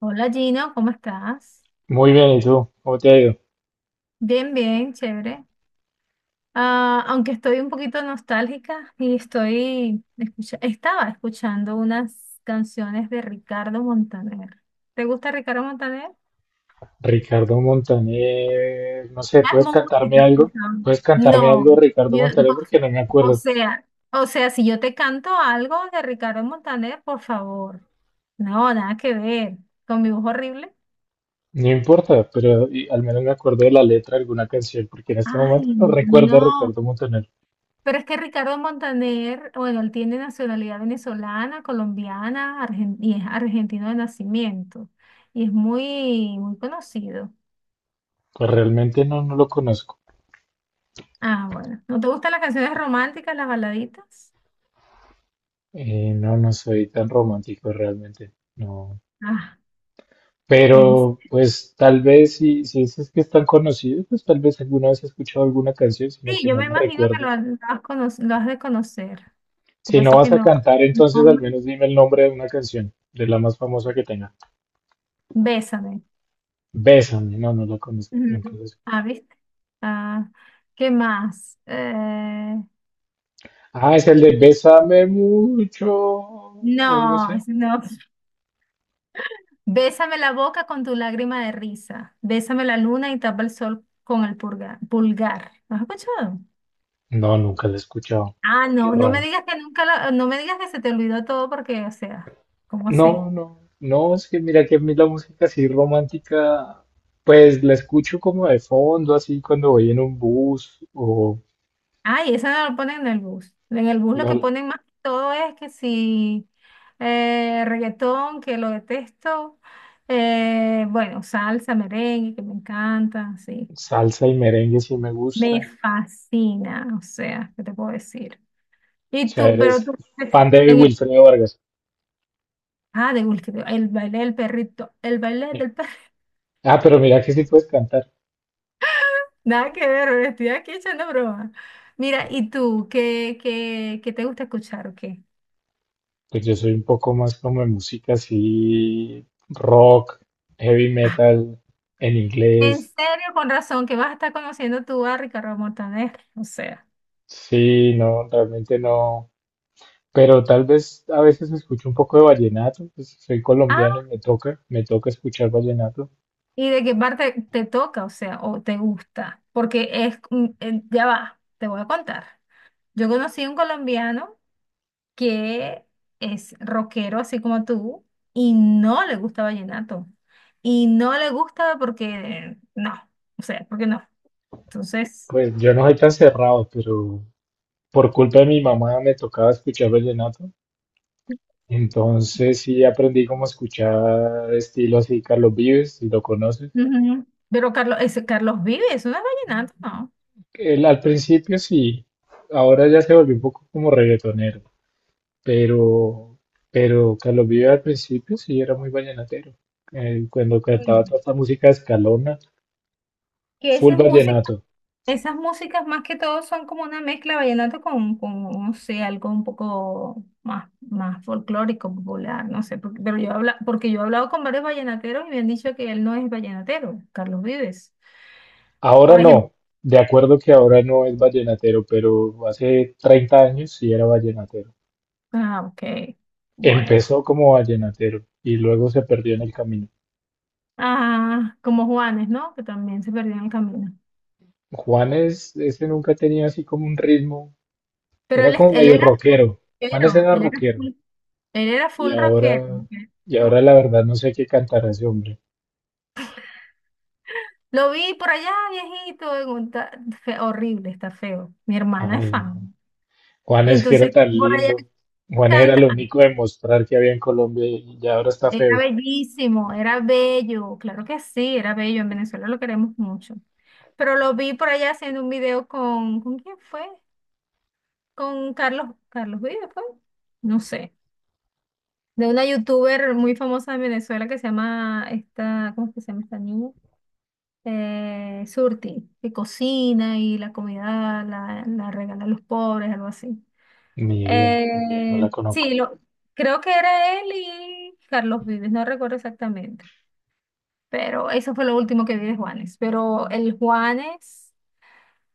Hola Gino, ¿cómo estás? Muy bien, ¿y tú? ¿Cómo te ha ido? Bien, bien, chévere. Ah, aunque estoy un poquito nostálgica y estaba escuchando unas canciones de Ricardo Montaner. ¿Te gusta Ricardo Montaner? Ricardo Montaner, no sé, Las ¿puedes cantarme músicas, por algo? favor. ¿Puedes cantarme algo, No, Ricardo Montaner? Porque no me o acuerdo. sea, o sea, si yo te canto algo de Ricardo Montaner, por favor. No, nada que ver. Con mi voz horrible. No importa, pero al menos me acuerdo de la letra de alguna canción, porque en este momento Ay, no recuerdo a no. Ricardo Montaner. Pero es que Ricardo Montaner, bueno, él tiene nacionalidad venezolana, colombiana, y es argentino de nacimiento. Y es muy, muy conocido. Pues realmente no, no lo conozco. Ah, bueno. ¿No te gustan las canciones románticas, las baladitas? No, no soy tan romántico realmente, no. Ah, bien. Pero pues tal vez si dices que es tan conocido, pues tal vez alguna vez he escuchado alguna canción, sino Sí, que yo no me la imagino que recuerdo. Lo has de conocer. Lo que Si no pasa es vas que a no. cantar, No. entonces al menos dime el nombre de una canción, de la más famosa que tenga. Bésame. Bésame, no, no la conozco. Nunca Ujú. la escuché. Ah, ¿viste? Ah, ¿qué más? Ah, es el de Bésame mucho o algo así. No, no. Bésame la boca con tu lágrima de risa. Bésame la luna y tapa el sol con el pulgar. ¿Lo has escuchado? No, nunca la he escuchado. Ah, Qué no, no me raro. digas que nunca la- no me digas que se te olvidó todo porque, o sea, ¿cómo No, así? no, no, es que mira que a mí la música así romántica, pues la escucho como de fondo, así cuando voy en un bus o Ay, eso no lo ponen en el bus. En el bus lo que no, ponen más que todo es que si reggaetón, que lo detesto, bueno, salsa, merengue, que me encanta, sí. salsa y merengue si me Me gusta. fascina, o sea, ¿qué te puedo decir? O Y sea, tú, pero eres tú, fan de en Wilfredo Vargas. Ah, de Will Smith, el baile del perrito, el baile Sí. del perrito. Ah, pero mira que sí puedes cantar. Nada que ver, me estoy aquí echando broma. Mira, ¿y tú qué te gusta escuchar o qué? Pues yo soy un poco más como de música así, rock, heavy metal, en En inglés. serio, con razón, que vas a estar conociendo tú a Ricardo Montaner, o sea. Sí, no, realmente no. Pero tal vez a veces escucho un poco de vallenato, pues soy Ah, colombiano y me toca escuchar vallenato. ¿y de qué parte te toca, o sea, o te gusta? Porque es, ya va, te voy a contar. Yo conocí a un colombiano que es rockero así como tú y no le gusta vallenato. Y no le gusta porque no, o sea, porque no. Entonces, Pues yo no soy tan cerrado, pero por culpa de mi mamá me tocaba escuchar vallenato. Entonces sí aprendí cómo escuchar estilo así, Carlos Vives, si lo conoces. ujú. Pero Carlos, ese Carlos Vives, no es vallenato, no. Él al principio sí, ahora ya se volvió un poco como reggaetonero, pero, pero Carlos Vive al principio sí era muy vallenatero. Cuando cantaba Mm. toda esta música escalona, Que full esas músicas, vallenato. esas músicas más que todo son como una mezcla de vallenato con, no sé, algo un poco más, más folclórico, popular, no sé, pero porque yo he hablado con varios vallenateros y me han dicho que él no es vallenatero, Carlos Vives. Ahora Por ejemplo. no, de acuerdo que ahora no es vallenatero, pero hace 30 años sí era vallenatero. Ah, ok. Bueno. Empezó como vallenatero y luego se perdió en el camino. Ah, como Juanes, ¿no? Que también se perdió en el camino. Juanes, ese nunca tenía así como un ritmo, Pero era él, como él medio era full rockero. Juanes rockero, era rockero. él era Y full rockero, ahora, y ¿no? ahora la verdad no sé qué cantará ese hombre. Lo vi por allá, viejito, en un horrible, está feo. Mi hermana es Ay, no. fan. Y Juanes que entonces era tan por allá lindo. Juanes era canta. lo único de mostrar que había en Colombia y ya ahora está Era feo. bellísimo, era bello, claro que sí, era bello. En Venezuela lo queremos mucho. Pero lo vi por allá haciendo un video ¿con quién fue? Con Carlos Vives, fue. No sé. De una youtuber muy famosa de Venezuela que se llama esta, ¿cómo es que se llama esta niña? Surti, que cocina y la comida la regala a los pobres, algo así. Ni idea, no, no la Sí, conozco. lo, creo que era él y Carlos Vives, no recuerdo exactamente, pero eso fue lo último que vi de Juanes, pero el Juanes...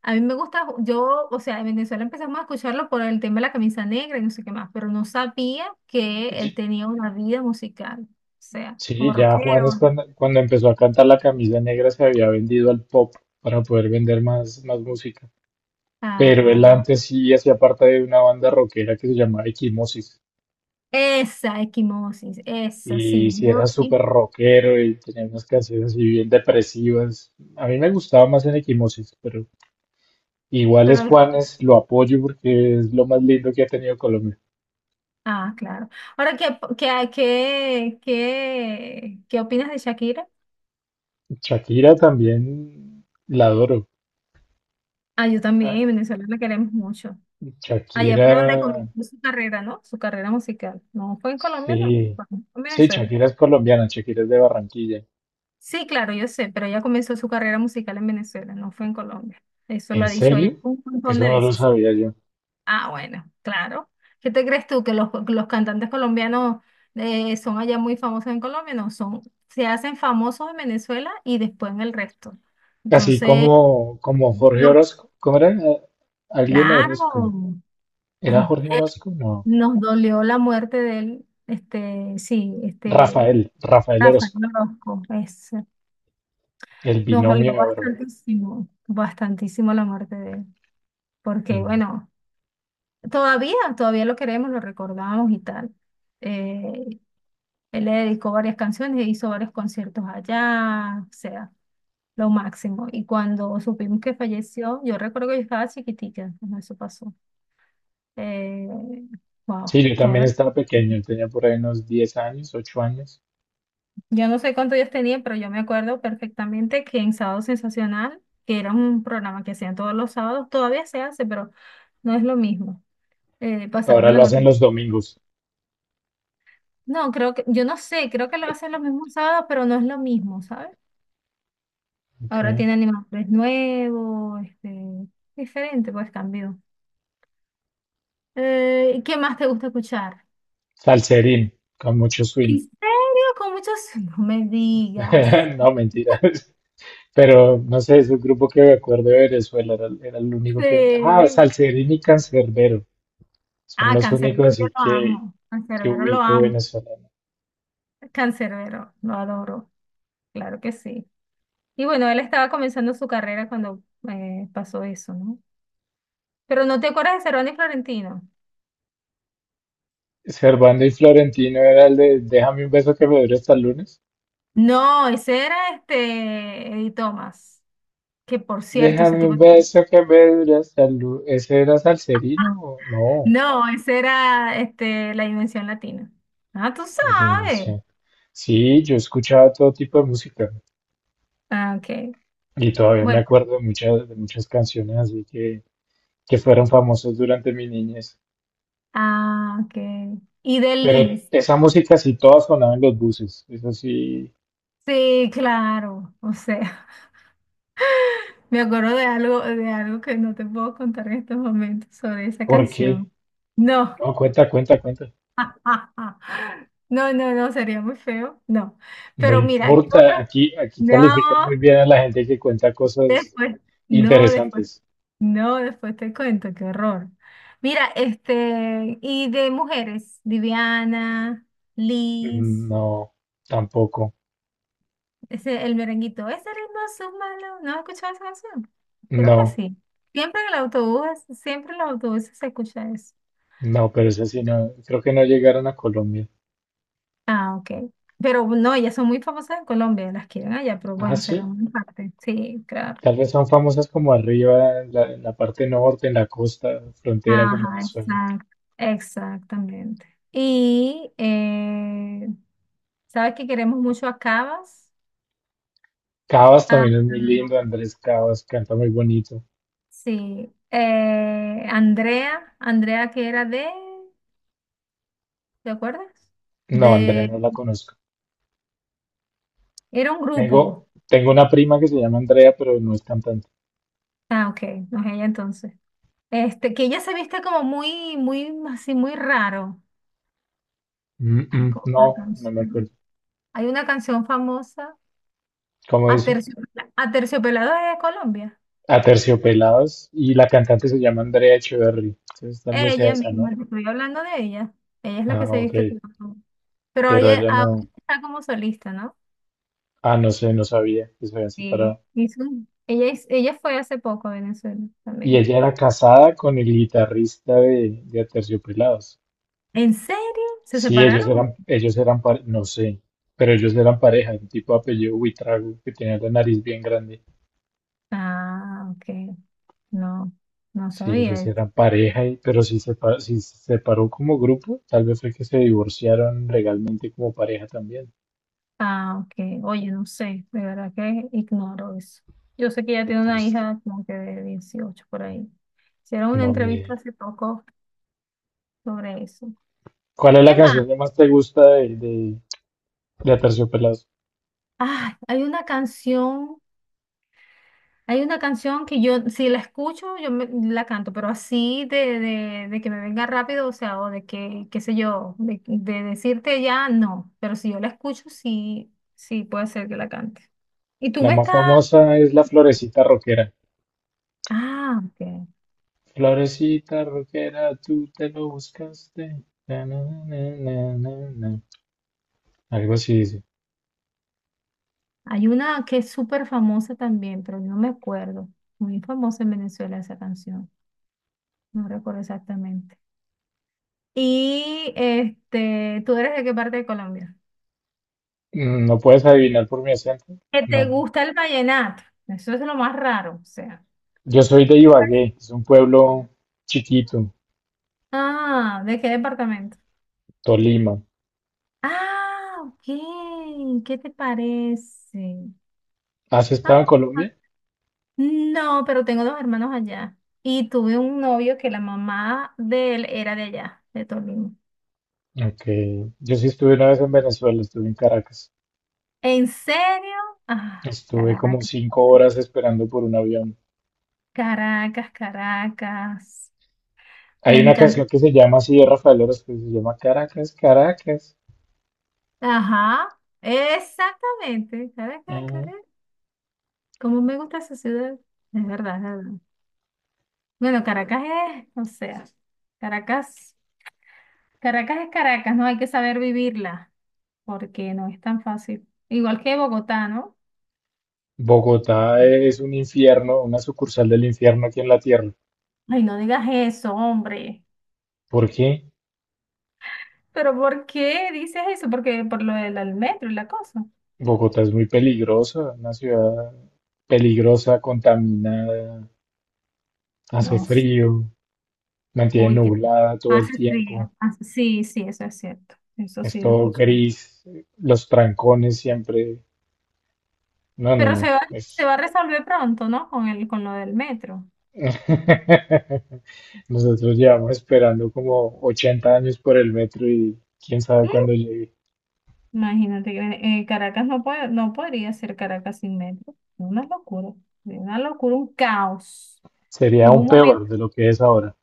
A mí me gusta, yo, o sea, en Venezuela empezamos a escucharlo por el tema de la camisa negra y no sé qué más, pero no sabía que él Y- tenía una vida musical, o sea, como Sí, ya Juanes rockero. Cuando empezó a cantar La Camisa Negra se había vendido al pop para poder vender más, más música. Pero él Ah, antes sí hacía parte de una banda rockera que se llamaba Equimosis. esa equimosis, esa Y sí, si yo era súper sí, rockero y tenía unas canciones así bien depresivas. A mí me gustaba más en Equimosis, pero igual es pero, Juanes, lo apoyo porque es lo más lindo que ha tenido Colombia. Claro. Ahora, ¿qué opinas de Shakira? Shakira también la adoro. Ah, yo también, Ah, en Venezuela la queremos mucho. Allá Shakira, fue donde comenzó su carrera, ¿no? Su carrera musical. No fue en Colombia, no, sí. fue en Sí, Venezuela. Shakira es colombiana, Shakira es de Barranquilla. Sí, claro, yo sé, pero ella comenzó su carrera musical en Venezuela, no fue en Colombia. Eso lo ¿En ha dicho ella serio? un montón Eso de no lo veces. sabía yo. Ah, bueno, claro. ¿Qué te crees tú? ¿Que los cantantes colombianos son allá muy famosos en Colombia? No, son, se hacen famosos en Venezuela y después en el resto. Así Entonces, como, como Jorge no, Orozco. ¿Cómo era? Alguien claro, Orozco. ¿Era Jorge Orozco? No. nos dolió la muerte de él, este, sí, este, Rafael, Rafael Rafael Orozco. Orozco, es, El nos binomio dolió de oro. bastantísimo, bastantísimo la muerte de él. Porque Mm. bueno, todavía, todavía lo queremos, lo recordamos y tal. Eh, él le dedicó varias canciones, hizo varios conciertos allá, o sea, lo máximo. Y cuando supimos que falleció, yo recuerdo que yo estaba chiquitica cuando eso pasó. Eh, wow, Sí, yo también todavía. estaba pequeño, tenía por ahí unos 10 años, 8 años. Yo no sé cuántos días tenía, pero yo me acuerdo perfectamente que en Sábado Sensacional, que era un programa que hacían todos los sábados, todavía se hace, pero no es lo mismo. Ahora Pasaron la lo hacen noticia. los domingos. No, creo que, yo no sé, creo que lo hacen los mismos sábados, pero no es lo mismo, ¿sabes? Ok. Ahora tiene animadores nuevos, este, diferente, pues cambió. ¿Qué más te gusta escuchar? Salserín, con mucho swing. ¿En serio? Con muchos... No me digas. No, mentira. Pero no sé, es un grupo que me acuerdo de Venezuela, era el único que... Ah, Sí. Salserín y Cancerbero. Son Ah, los únicos Canserbero así lo amo. que Canserbero lo ubico amo. venezolano. Canserbero, lo adoro. Claro que sí. Y bueno, él estaba comenzando su carrera cuando pasó eso, ¿no? Pero no te acuerdas de Cerón y Florentino. Servando y Florentino era el de Déjame un beso que me dure hasta el lunes. No, ese era este Eddie Thomas, que por cierto, ese Déjame tipo... un beso que me dure hasta el lunes. ¿Ese era Salserino? No. No, ese era este, la dimensión latina. Ah, tú sabes. Dimensión. Sí, yo escuchaba todo tipo de música Ah, ok. y todavía me Bueno, acuerdo de muchas canciones así que fueron famosas durante mi niñez. ah, ok. Y de Pero Liz. esa música sí todas sonaban en los buses. Eso sí, Sí, claro. O sea, me acuerdo de algo que no te puedo contar en estos momentos sobre esa ¿por qué? canción. No. No, cuenta, cuenta, cuenta. No, no, no, sería muy feo. No. No Pero mira, ¿qué importa, otra? aquí, aquí No. califican muy bien a la gente que cuenta cosas Después, no, después, interesantes. no, después te cuento, qué horror. Mira, este, y de mujeres, Viviana, Liz, No, tampoco. ese, el merenguito, ese ritmo es un malo, ¿no has escuchado esa canción? Creo que No, sí. Siempre en el autobús, siempre en los autobuses se escucha eso. no, pero eso sí no. Creo que no llegaron a Colombia. Ah, ok. Pero no, ellas son muy famosas en Colombia, las quieren allá, pero Ah, bueno, será sí. muy parte. Sí, claro. Tal vez son famosas como arriba, en la parte norte, en la costa, frontera con Ajá, Venezuela. exacto, exactamente. Y sabes que queremos mucho a Cabas, Cavas a, también es muy lindo, Andrés Cavas canta muy bonito. sí, Andrea que era de, ¿te acuerdas? No, Andrea De, no la conozco. era un Tengo, grupo, tengo una prima que se llama Andrea, pero no es cantante. ah, ok, no es ella entonces, este, que ella se viste como muy, muy, así, muy raro, Mm, ay, mm, ¿cómo fue la no, no me canción? acuerdo. Hay una canción famosa, ¿Cómo dice? Aterciopelado es de Colombia, Aterciopelados y la cantante se llama Andrea Echeverry. Entonces tal vez sea ella esa, misma, ¿no? te estoy hablando de ella, ella es la Ah, que se ok. viste todo, pero Pero oye, ella no. ahorita está como solista, ¿no? Ah, no sé, no sabía que se habían Sí, separado. Ella, ella fue hace poco a Venezuela Y también. ella era casada con el guitarrista de Aterciopelados. ¿En serio? ¿Se Sí, ellos separaron? eran, pare- no sé, pero ellos eran pareja, un tipo de apellido Buitrago que tenía la nariz bien grande. Ah, ok. No, no Sí, sabía ellos eso. eran pareja, pero si se, pa- si se separó como grupo, tal vez fue que se divorciaron legalmente como pareja también. Ah, ok. Oye, no sé, de verdad que ignoro eso. Yo sé que ella Qué tiene una triste. hija como que de 18 por ahí. Hicieron una No, ni entrevista idea. hace poco sobre eso. ¿Cuál es la ¿Qué más? canción que más te gusta de Aterciopelados? Ah, hay una canción. Hay una canción que yo, si la escucho, yo la canto, pero así de que me venga rápido, o sea, o de que, qué sé yo, de decirte ya, no. Pero si yo la escucho, sí, sí puede ser que la cante. Y tú La me más estás... famosa es La Florecita Rockera. Ah, ok. Florecita Rockera, tú te lo buscaste. Na, na, na, na, na, na. Algo así dice. Hay una que es súper famosa también, pero no me acuerdo. Muy famosa en Venezuela esa canción. No recuerdo exactamente. Y este, ¿tú eres de qué parte de Colombia? Mm, no puedes adivinar por mi acento. Que te No. gusta el vallenato. Eso es lo más raro, o sea. Yo soy de Ibagué, es un pueblo chiquito, Ah, ¿de qué departamento? Tolima. Ah, ok. ¿Qué te parece? ¿Has estado en Ah, Colombia? no, pero tengo dos hermanos allá. Y tuve un novio que la mamá de él era de allá, de Tolima. Ok. Yo sí estuve una vez en Venezuela, estuve en Caracas. ¿En serio? Ah, Estuve como Caracas, 5 horas esperando por un avión. Caracas, Caracas. Me Hay una encanta. canción que se llama así de Rafael Orozco, que se llama Caracas, Caracas. Ajá, exactamente. Caracas, Ujú. Caracas. Cómo me gusta esa ciudad. Es verdad, es verdad. Bueno, Caracas es, o sea, Caracas. Caracas es Caracas, ¿no? Hay que saber vivirla, porque no es tan fácil. Igual que Bogotá, ¿no? Bogotá es un infierno, una sucursal del infierno aquí en la tierra. Ay, no digas eso, hombre. ¿Por qué? ¿Pero por qué dices eso? Porque por lo del al metro y la cosa. Bogotá es muy peligrosa, una ciudad peligrosa, contaminada. No, Hace sé. frío, mantiene Uy, qué nublada todo el hace frío. tiempo, Sí, sí, eso es cierto. Eso es sí lo todo escuchamos. gris, los trancones siempre. No, no, Pero no. Se Es... va a resolver pronto, ¿no? Con lo del metro. Nosotros llevamos esperando como 80 años por el metro y quién sabe Mm, cuándo llegue. Imagínate que Caracas no podría ser Caracas sin metro. Una locura. Una locura, un caos. Sería Hubo aún un peor momento. de lo que es ahora.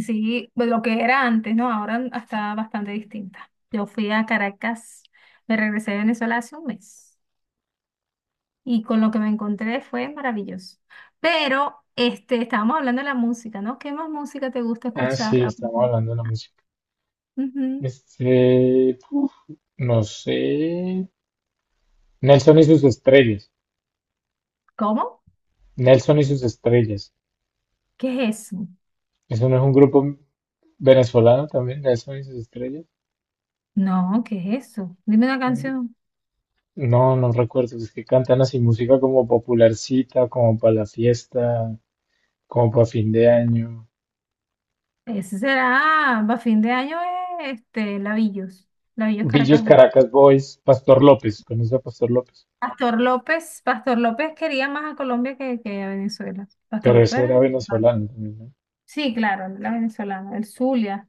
Sí, pues lo que era antes, ¿no? Ahora está bastante distinta. Yo fui a Caracas, me regresé de Venezuela hace un mes y con lo que me encontré fue maravilloso. Pero este, estábamos hablando de la música, ¿no? ¿Qué más música te gusta Ah, escuchar? sí, Ah, estamos ujú. hablando de la música. Ujú. Este, uf, no sé. Nelson y sus estrellas. ¿Cómo? Nelson y sus estrellas. ¿Qué es eso? ¿Eso no es un grupo venezolano también? Nelson y sus estrellas. No, ¿qué es eso? Dime una canción. No, no recuerdo. Es que cantan así música como popularcita, como para la fiesta, como para fin de año. Ese será, a fin de año, este, Lavillos Villos Caracas. Caracas Boys, Pastor López, conoce a Pastor López. Pastor López quería más a Colombia que a Venezuela. Pastor Pero López ese era era venezolano. venezolano también, ¿no? Sí, claro, la venezolana, el Zulia.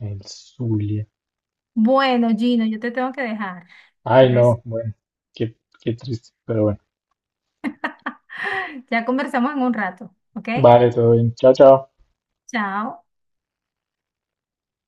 El Zulia. Bueno, Gino, yo te tengo que dejar. Ay, Por no, eso, bueno, qué, qué triste, pero bueno. ya conversamos en un rato, ¿ok? Vale, todo bien. Chao, chao. Chao.